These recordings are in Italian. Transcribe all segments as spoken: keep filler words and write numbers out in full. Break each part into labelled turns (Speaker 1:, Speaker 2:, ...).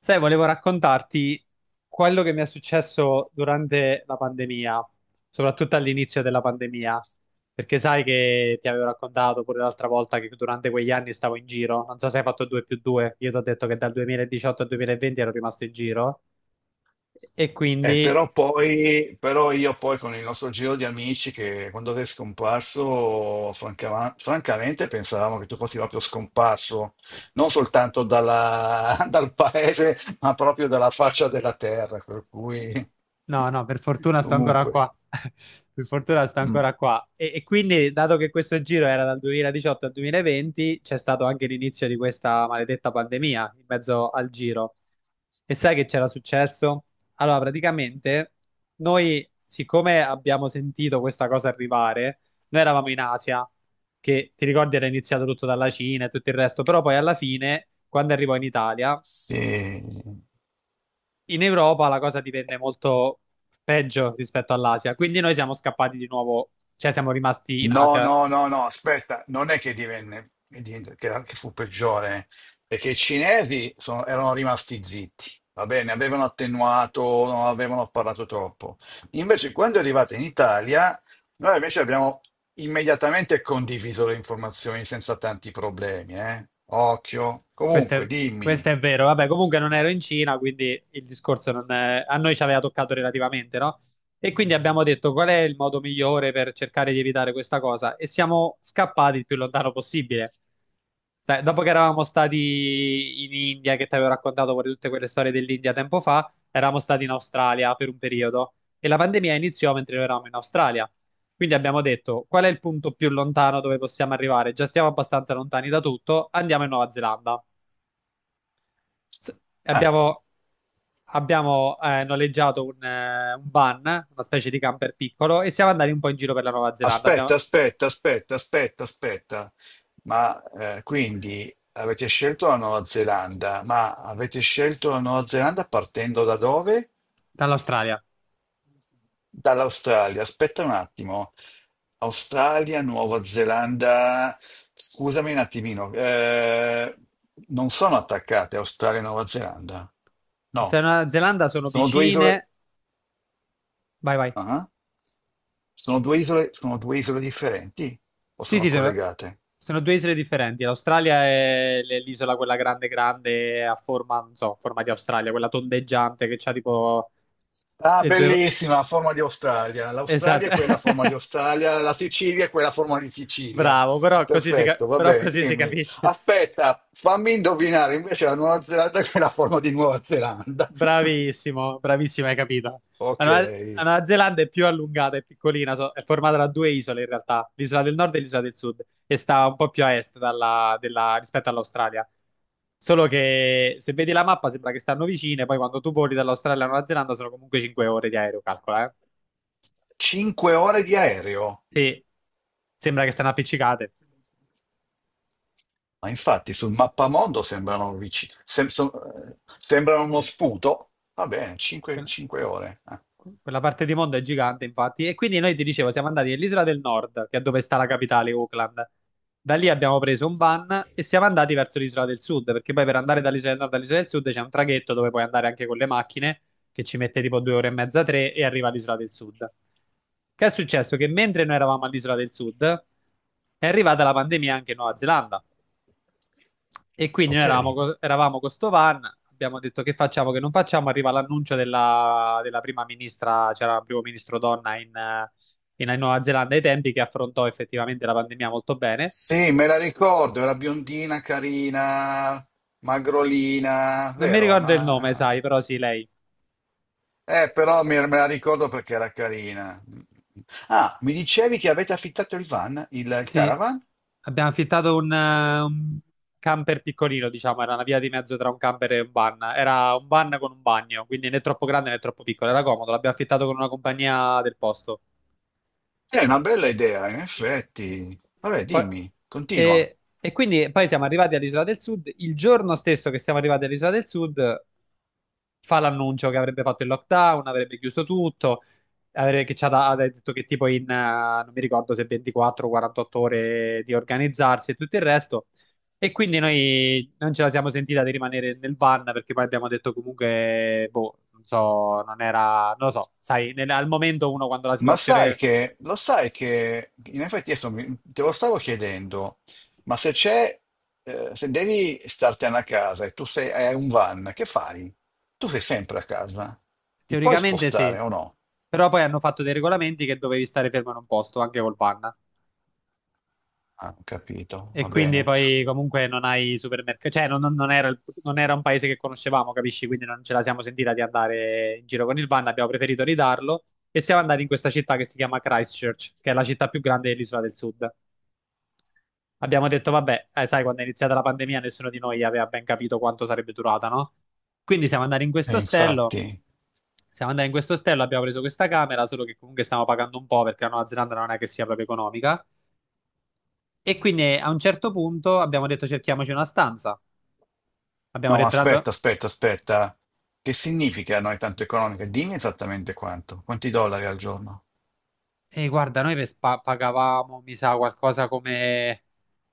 Speaker 1: Sai, volevo raccontarti quello che mi è successo durante la pandemia, soprattutto all'inizio della pandemia, perché sai che ti avevo raccontato pure l'altra volta che durante quegli anni stavo in giro. Non so se hai fatto due più due, io ti ho detto che dal duemiladiciotto al duemilaventi ero rimasto in giro e
Speaker 2: Eh,
Speaker 1: quindi...
Speaker 2: però poi, però io poi, con il nostro giro di amici, che quando sei scomparso, franca- francamente pensavamo che tu fossi proprio scomparso, non soltanto dalla- dal paese, ma proprio dalla faccia della terra, per cui
Speaker 1: No, no, per fortuna sto ancora
Speaker 2: comunque,
Speaker 1: qua. Per fortuna sto
Speaker 2: mm,
Speaker 1: ancora qua. E, e quindi, dato che questo giro era dal duemiladiciotto al duemilaventi, c'è stato anche l'inizio di questa maledetta pandemia in mezzo al giro. E sai che c'era successo? Allora, praticamente, noi, siccome abbiamo sentito questa cosa arrivare, noi eravamo in Asia, che ti ricordi era iniziato tutto dalla Cina e tutto il resto, però poi alla fine, quando arrivò in Italia,
Speaker 2: sì.
Speaker 1: in Europa la cosa divenne molto peggio rispetto all'Asia, quindi noi siamo scappati di nuovo, cioè siamo rimasti in
Speaker 2: No,
Speaker 1: Asia.
Speaker 2: no, no, no, aspetta, non è che divenne, che divenne- che- che fu peggiore, è che i cinesi sono- erano rimasti zitti, va bene, avevano attenuato, non avevano parlato troppo. Invece, quando è arrivata in Italia, noi invece abbiamo immediatamente condiviso le informazioni senza tanti problemi, eh? Occhio.
Speaker 1: Questo
Speaker 2: Comunque,
Speaker 1: è, Questo
Speaker 2: dimmi.
Speaker 1: è vero. Vabbè, comunque non ero in Cina, quindi il discorso non è- a noi ci aveva toccato relativamente, no? E quindi abbiamo detto qual è il modo migliore per cercare di evitare questa cosa e siamo scappati il più lontano possibile. Sai, dopo che eravamo stati in India, che ti avevo raccontato pure tutte quelle storie dell'India tempo fa, eravamo stati in Australia per un periodo e la pandemia iniziò mentre noi eravamo in Australia. Quindi abbiamo detto qual è il punto più lontano dove possiamo arrivare? Già stiamo abbastanza lontani da tutto, andiamo in Nuova Zelanda. S-
Speaker 2: Ah,
Speaker 1: Abbiamo, abbiamo, eh, noleggiato un, eh, un van, una specie di camper piccolo, e siamo andati un po' in giro per la Nuova Zelanda.
Speaker 2: aspetta,
Speaker 1: Abbiamo-
Speaker 2: aspetta, aspetta, aspetta, aspetta. Ma eh, quindi avete scelto la Nuova Zelanda, ma avete scelto la Nuova Zelanda partendo da dove?
Speaker 1: Dall'Australia.
Speaker 2: Dall'Australia. Aspetta un attimo. Australia, Nuova Zelanda. Scusami un attimino. Eh, non sono attaccate Australia e Nuova Zelanda. No,
Speaker 1: Australia e Nuova Zelanda sono
Speaker 2: sono due isole.
Speaker 1: vicine. Vai, vai.
Speaker 2: Ah, sono due isole, sono due isole differenti o
Speaker 1: Sì,
Speaker 2: sono
Speaker 1: sì, sono,
Speaker 2: collegate?
Speaker 1: sono due isole differenti. L'Australia è l- l'isola quella grande, grande, a forma, non so, a forma di Australia, quella tondeggiante che c'ha tipo
Speaker 2: Ah,
Speaker 1: le due...
Speaker 2: bellissima, a forma di Australia. L'Australia
Speaker 1: Esatto.
Speaker 2: è quella a forma di Australia, la Sicilia è quella a forma di Sicilia.
Speaker 1: Bravo, però così si, ca-
Speaker 2: Perfetto, va
Speaker 1: però
Speaker 2: bene,
Speaker 1: così si
Speaker 2: dimmi.
Speaker 1: capisce.
Speaker 2: Aspetta, fammi indovinare invece la Nuova Zelanda che è la forma di Nuova Zelanda.
Speaker 1: Bravissimo, bravissimo, hai capito. La
Speaker 2: Ok,
Speaker 1: Nuova, la Nuova Zelanda è più allungata, è piccolina, so- è formata da due isole in realtà, l'isola del nord e l'isola del sud, e sta un po' più a est dalla- della- rispetto all'Australia. Solo che se vedi la mappa sembra che stanno vicine, poi quando tu voli dall'Australia alla Nuova Zelanda sono comunque cinque ore di aereo, calcola, eh.
Speaker 2: cinque ore di aereo.
Speaker 1: Sì, sembra che stanno appiccicate.
Speaker 2: Ma infatti sul mappamondo sembrano vicini, sem- so- eh, sembrano uno sputo. Va bene, cinque, ore. Ah,
Speaker 1: Quella parte di mondo è gigante, infatti. E quindi noi ti dicevo, siamo andati nell'isola del nord, che è dove sta la capitale, Auckland. Da lì abbiamo preso un van e siamo andati verso l'isola del sud, perché poi per andare dall'isola del nord all'isola del sud c'è un traghetto dove puoi andare anche con le macchine, che ci mette tipo due ore e mezza, tre, e arriva all'isola del sud. Che è successo? Che mentre noi eravamo all'isola del sud, è arrivata la pandemia anche in Nuova Zelanda. E quindi noi
Speaker 2: ok.
Speaker 1: eravamo, co- eravamo con sto van, abbiamo detto che facciamo, che non facciamo, arriva l'annuncio della, della prima ministra, c'era il primo ministro donna in, eh, in Nuova Zelanda ai tempi, che affrontò effettivamente la pandemia molto bene.
Speaker 2: Sì, me la ricordo, era biondina, carina, magrolina,
Speaker 1: Non mi
Speaker 2: vero?
Speaker 1: ricordo il nome,
Speaker 2: Una-
Speaker 1: sai, però sì, lei.
Speaker 2: Eh, però mi- me la ricordo perché era carina. Ah, mi dicevi che avete affittato il van, il, il
Speaker 1: Sì,
Speaker 2: caravan?
Speaker 1: abbiamo affittato un, eh, un camper piccolino, diciamo, era una via di mezzo tra un camper e un van. Era un van con un bagno, quindi né troppo grande né troppo piccolo, era comodo, l'abbiamo affittato con una compagnia del posto.
Speaker 2: È una bella idea, in effetti. Vabbè,
Speaker 1: Poi-
Speaker 2: dimmi, continua.
Speaker 1: e, e quindi poi siamo arrivati all'Isola del Sud. Il giorno stesso che siamo arrivati all'Isola del Sud, fa l'annuncio che avrebbe fatto il lockdown, avrebbe chiuso tutto, avrebbe, che ci ha, da- ha detto che tipo in, eh, non mi ricordo se ventiquattro o quarantotto ore di organizzarsi e tutto il resto. E quindi noi non ce la siamo sentita di rimanere nel van perché poi abbiamo detto comunque, boh, non so, non era, non lo so, sai, nel- al momento uno quando la
Speaker 2: Ma sai
Speaker 1: situazione,
Speaker 2: che, lo sai che, in effetti adesso mi- te lo stavo chiedendo, ma se c'è, eh, se devi startene a casa e tu sei, hai un van, che fai? Tu sei sempre a casa, ti puoi
Speaker 1: teoricamente sì.
Speaker 2: spostare o no?
Speaker 1: Però poi hanno fatto dei regolamenti che dovevi stare fermo in un posto anche col panna.
Speaker 2: Ah, ho capito,
Speaker 1: E
Speaker 2: va
Speaker 1: quindi
Speaker 2: bene.
Speaker 1: poi comunque non hai supermercati, cioè non, non- non era, il- non era un paese che conoscevamo, capisci? Quindi non ce la siamo sentita di andare in giro con il van, abbiamo preferito ridarlo e siamo andati in questa città che si chiama Christchurch, che è la città più grande dell'isola del sud. Abbiamo detto, vabbè, eh, sai, quando è iniziata la pandemia nessuno di noi aveva ben capito quanto sarebbe durata, no? Quindi siamo andati in questo
Speaker 2: E
Speaker 1: ostello,
Speaker 2: infatti,
Speaker 1: siamo andati in questo ostello, abbiamo preso questa camera, solo che comunque stiamo pagando un po' perché la Nuova Zelanda non è che sia proprio economica. E quindi eh, a un certo punto abbiamo detto cerchiamoci una stanza. Abbiamo
Speaker 2: no, ma
Speaker 1: detto tanto,
Speaker 2: aspetta, aspetta, aspetta, che significa non è tanto economica? Dimmi esattamente quanto, quanti dollari al giorno?
Speaker 1: "Ehi, guarda, noi per spa- pagavamo, mi sa, qualcosa come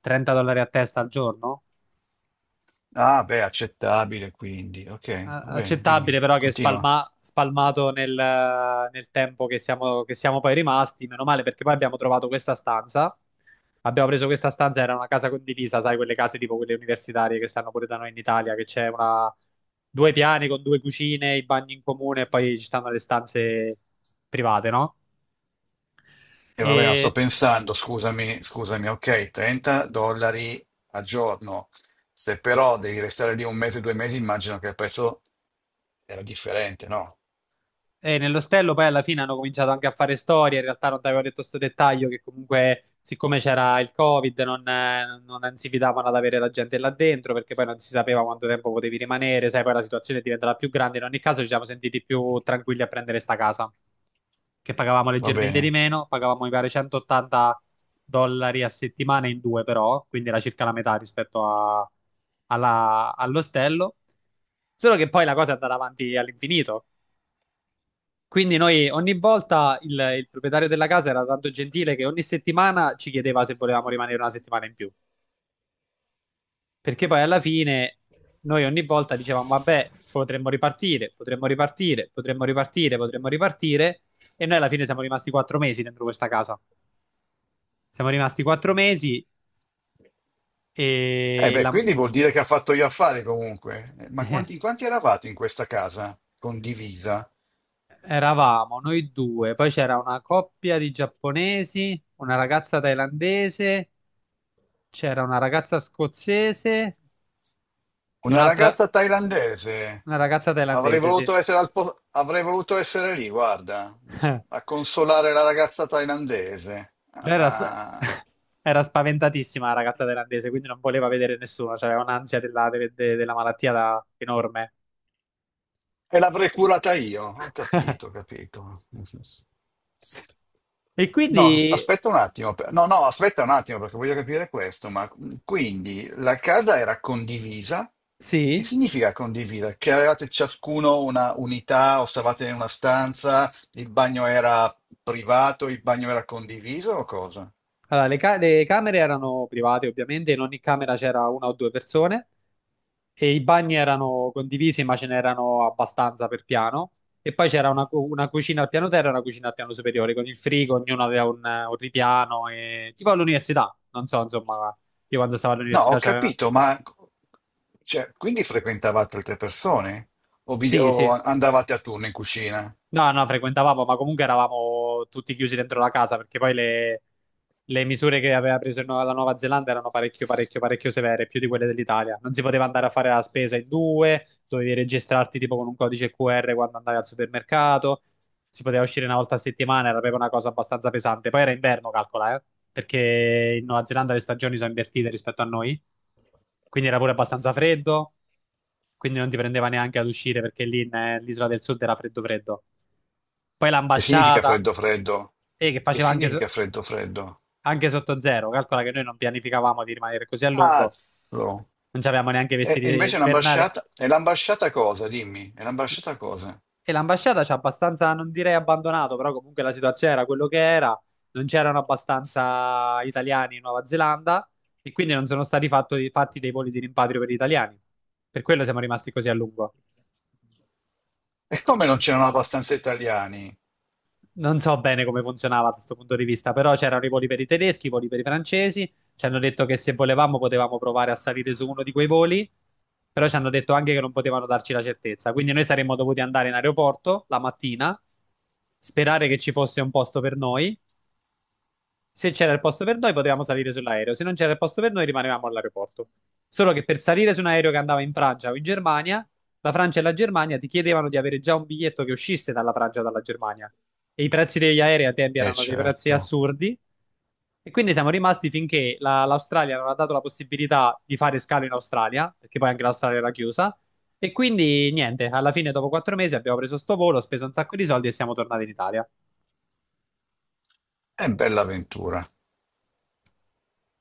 Speaker 1: trenta dollari a testa al giorno."
Speaker 2: Ah, beh, accettabile quindi, ok,
Speaker 1: A-
Speaker 2: va bene,
Speaker 1: Accettabile,
Speaker 2: dimmi,
Speaker 1: però che
Speaker 2: continua.
Speaker 1: spalma- spalmato nel, nel tempo che siamo, che siamo poi rimasti, meno male perché poi abbiamo trovato questa stanza. Abbiamo preso questa stanza, era una casa condivisa, sai, quelle case tipo quelle universitarie che stanno pure da noi in Italia, che c'è una... due piani con due cucine, i bagni in comune e poi ci stanno le stanze private, no?
Speaker 2: E va bene, sto
Speaker 1: E,
Speaker 2: pensando, scusami, scusami, ok, trenta dollari al giorno. Se però devi restare lì un mese, due mesi, immagino che il prezzo era differente, no?
Speaker 1: e nell'ostello poi alla fine hanno cominciato anche a fare storie. In realtà non ti avevo detto questo dettaglio che comunque, siccome c'era il Covid, non, eh, non si fidavano ad avere la gente là dentro perché poi non si sapeva quanto tempo potevi rimanere. Sai, poi la situazione diventerà più grande. In ogni caso, ci siamo sentiti più tranquilli a prendere sta casa, che pagavamo
Speaker 2: Va
Speaker 1: leggermente di
Speaker 2: bene.
Speaker 1: meno. Pagavamo, mi pare, centottanta dollari a settimana in due, però, quindi era circa la metà rispetto a- alla- all'ostello. Solo che poi la cosa è andata avanti all'infinito. Quindi noi ogni volta il, il proprietario della casa era tanto gentile che ogni settimana ci chiedeva se volevamo rimanere una settimana in più. Perché poi alla fine noi ogni volta dicevamo, vabbè, potremmo ripartire, potremmo ripartire, potremmo ripartire, potremmo ripartire. E noi alla fine siamo rimasti quattro mesi dentro questa casa. Siamo rimasti quattro mesi
Speaker 2: Eh
Speaker 1: e
Speaker 2: beh,
Speaker 1: la-
Speaker 2: quindi vuol dire che ha fatto gli affari comunque. Eh, Ma
Speaker 1: eh,
Speaker 2: quanti, quanti eravate in questa casa condivisa?
Speaker 1: eravamo noi due, poi c'era una coppia di giapponesi, una ragazza thailandese, c'era una ragazza scozzese e
Speaker 2: Una
Speaker 1: un'altra...
Speaker 2: ragazza thailandese.
Speaker 1: Una ragazza
Speaker 2: Avrei
Speaker 1: thailandese, sì.
Speaker 2: voluto essere al po- avrei voluto essere lì, guarda, a consolare la ragazza thailandese.
Speaker 1: Però era, sp-
Speaker 2: Ah.
Speaker 1: era spaventatissima la ragazza thailandese, quindi non voleva vedere nessuno, cioè aveva un'ansia della, de- de- della malattia da- enorme.
Speaker 2: E l'avrei curata io, ho capito, ho capito.
Speaker 1: E
Speaker 2: No, as-
Speaker 1: quindi,
Speaker 2: aspetta un attimo, per- no, no, aspetta un attimo, perché voglio capire questo, ma mm, quindi la casa era condivisa? Che
Speaker 1: sì,
Speaker 2: significa condivisa? Che avevate ciascuno una unità o stavate in una stanza, il bagno era privato, il bagno era condiviso o cosa?
Speaker 1: allora, le, ca- le camere erano private ovviamente, in ogni camera c'era una o due persone e i bagni erano condivisi, ma ce n'erano abbastanza per piano. E poi c'era una, cu- una cucina al piano terra e una cucina al piano superiore, con il frigo, ognuno aveva un, un ripiano, e... tipo all'università, non so, insomma, io quando stavo
Speaker 2: No, ho
Speaker 1: all'università c'aveva...
Speaker 2: capito, ma cioè, quindi frequentavate altre persone o, vi-
Speaker 1: Sì,
Speaker 2: o
Speaker 1: sì.
Speaker 2: andavate a turno in cucina?
Speaker 1: No, no, frequentavamo, ma comunque eravamo tutti chiusi dentro la casa, perché poi le le misure che aveva preso il Nuova- la Nuova Zelanda erano parecchio, parecchio, parecchio severe, più di quelle dell'Italia. Non si poteva andare a fare la spesa in due, dovevi registrarti tipo con un codice qu erre quando andavi al supermercato, si poteva uscire una volta a settimana, era proprio una cosa abbastanza pesante. Poi era inverno, calcola, eh, perché in Nuova Zelanda le stagioni sono invertite rispetto a noi, quindi era pure abbastanza freddo, quindi non ti prendeva neanche ad uscire perché lì nell'isola del sud era freddo freddo. Poi
Speaker 2: Che significa
Speaker 1: l'ambasciata,
Speaker 2: freddo freddo?
Speaker 1: eh, che
Speaker 2: Che
Speaker 1: faceva anche, so-
Speaker 2: significa freddo freddo?
Speaker 1: anche sotto zero, calcola che noi non pianificavamo di rimanere così a lungo,
Speaker 2: Cazzo!
Speaker 1: non avevamo neanche i
Speaker 2: E, e
Speaker 1: vestiti
Speaker 2: invece
Speaker 1: invernali.
Speaker 2: l'ambasciata... E l'ambasciata cosa? Dimmi, e l'ambasciata cosa?
Speaker 1: E l'ambasciata ci ha abbastanza, non direi abbandonato, però comunque la situazione era quello che era. Non c'erano abbastanza italiani in Nuova Zelanda e quindi non sono stati fatto- fatti dei voli di rimpatrio per gli italiani. Per quello siamo rimasti così a lungo.
Speaker 2: E come non c'erano abbastanza italiani?
Speaker 1: Non so bene come funzionava da questo punto di vista, però c'erano i voli per i tedeschi, i voli per i francesi. Ci hanno detto che se volevamo potevamo provare a salire su uno di quei voli, però ci hanno detto anche che non potevano darci la certezza. Quindi noi saremmo dovuti andare in aeroporto la mattina, sperare che ci fosse un posto per noi. Se c'era il posto per noi, potevamo salire sull'aereo, se non c'era il posto per noi, rimanevamo all'aeroporto. Solo che per salire su un aereo che andava in Francia o in Germania, la Francia e la Germania ti chiedevano di avere già un biglietto che uscisse dalla Francia o dalla Germania. E i prezzi degli aerei a tempi
Speaker 2: Eh
Speaker 1: erano dei prezzi
Speaker 2: certo,
Speaker 1: assurdi. E quindi siamo rimasti finché la- l'Australia non ha dato la possibilità di fare scalo in Australia, perché poi anche l'Australia era chiusa. E quindi niente, alla fine, dopo quattro mesi, abbiamo preso sto volo, speso un sacco di soldi e siamo tornati in Italia.
Speaker 2: è bella avventura.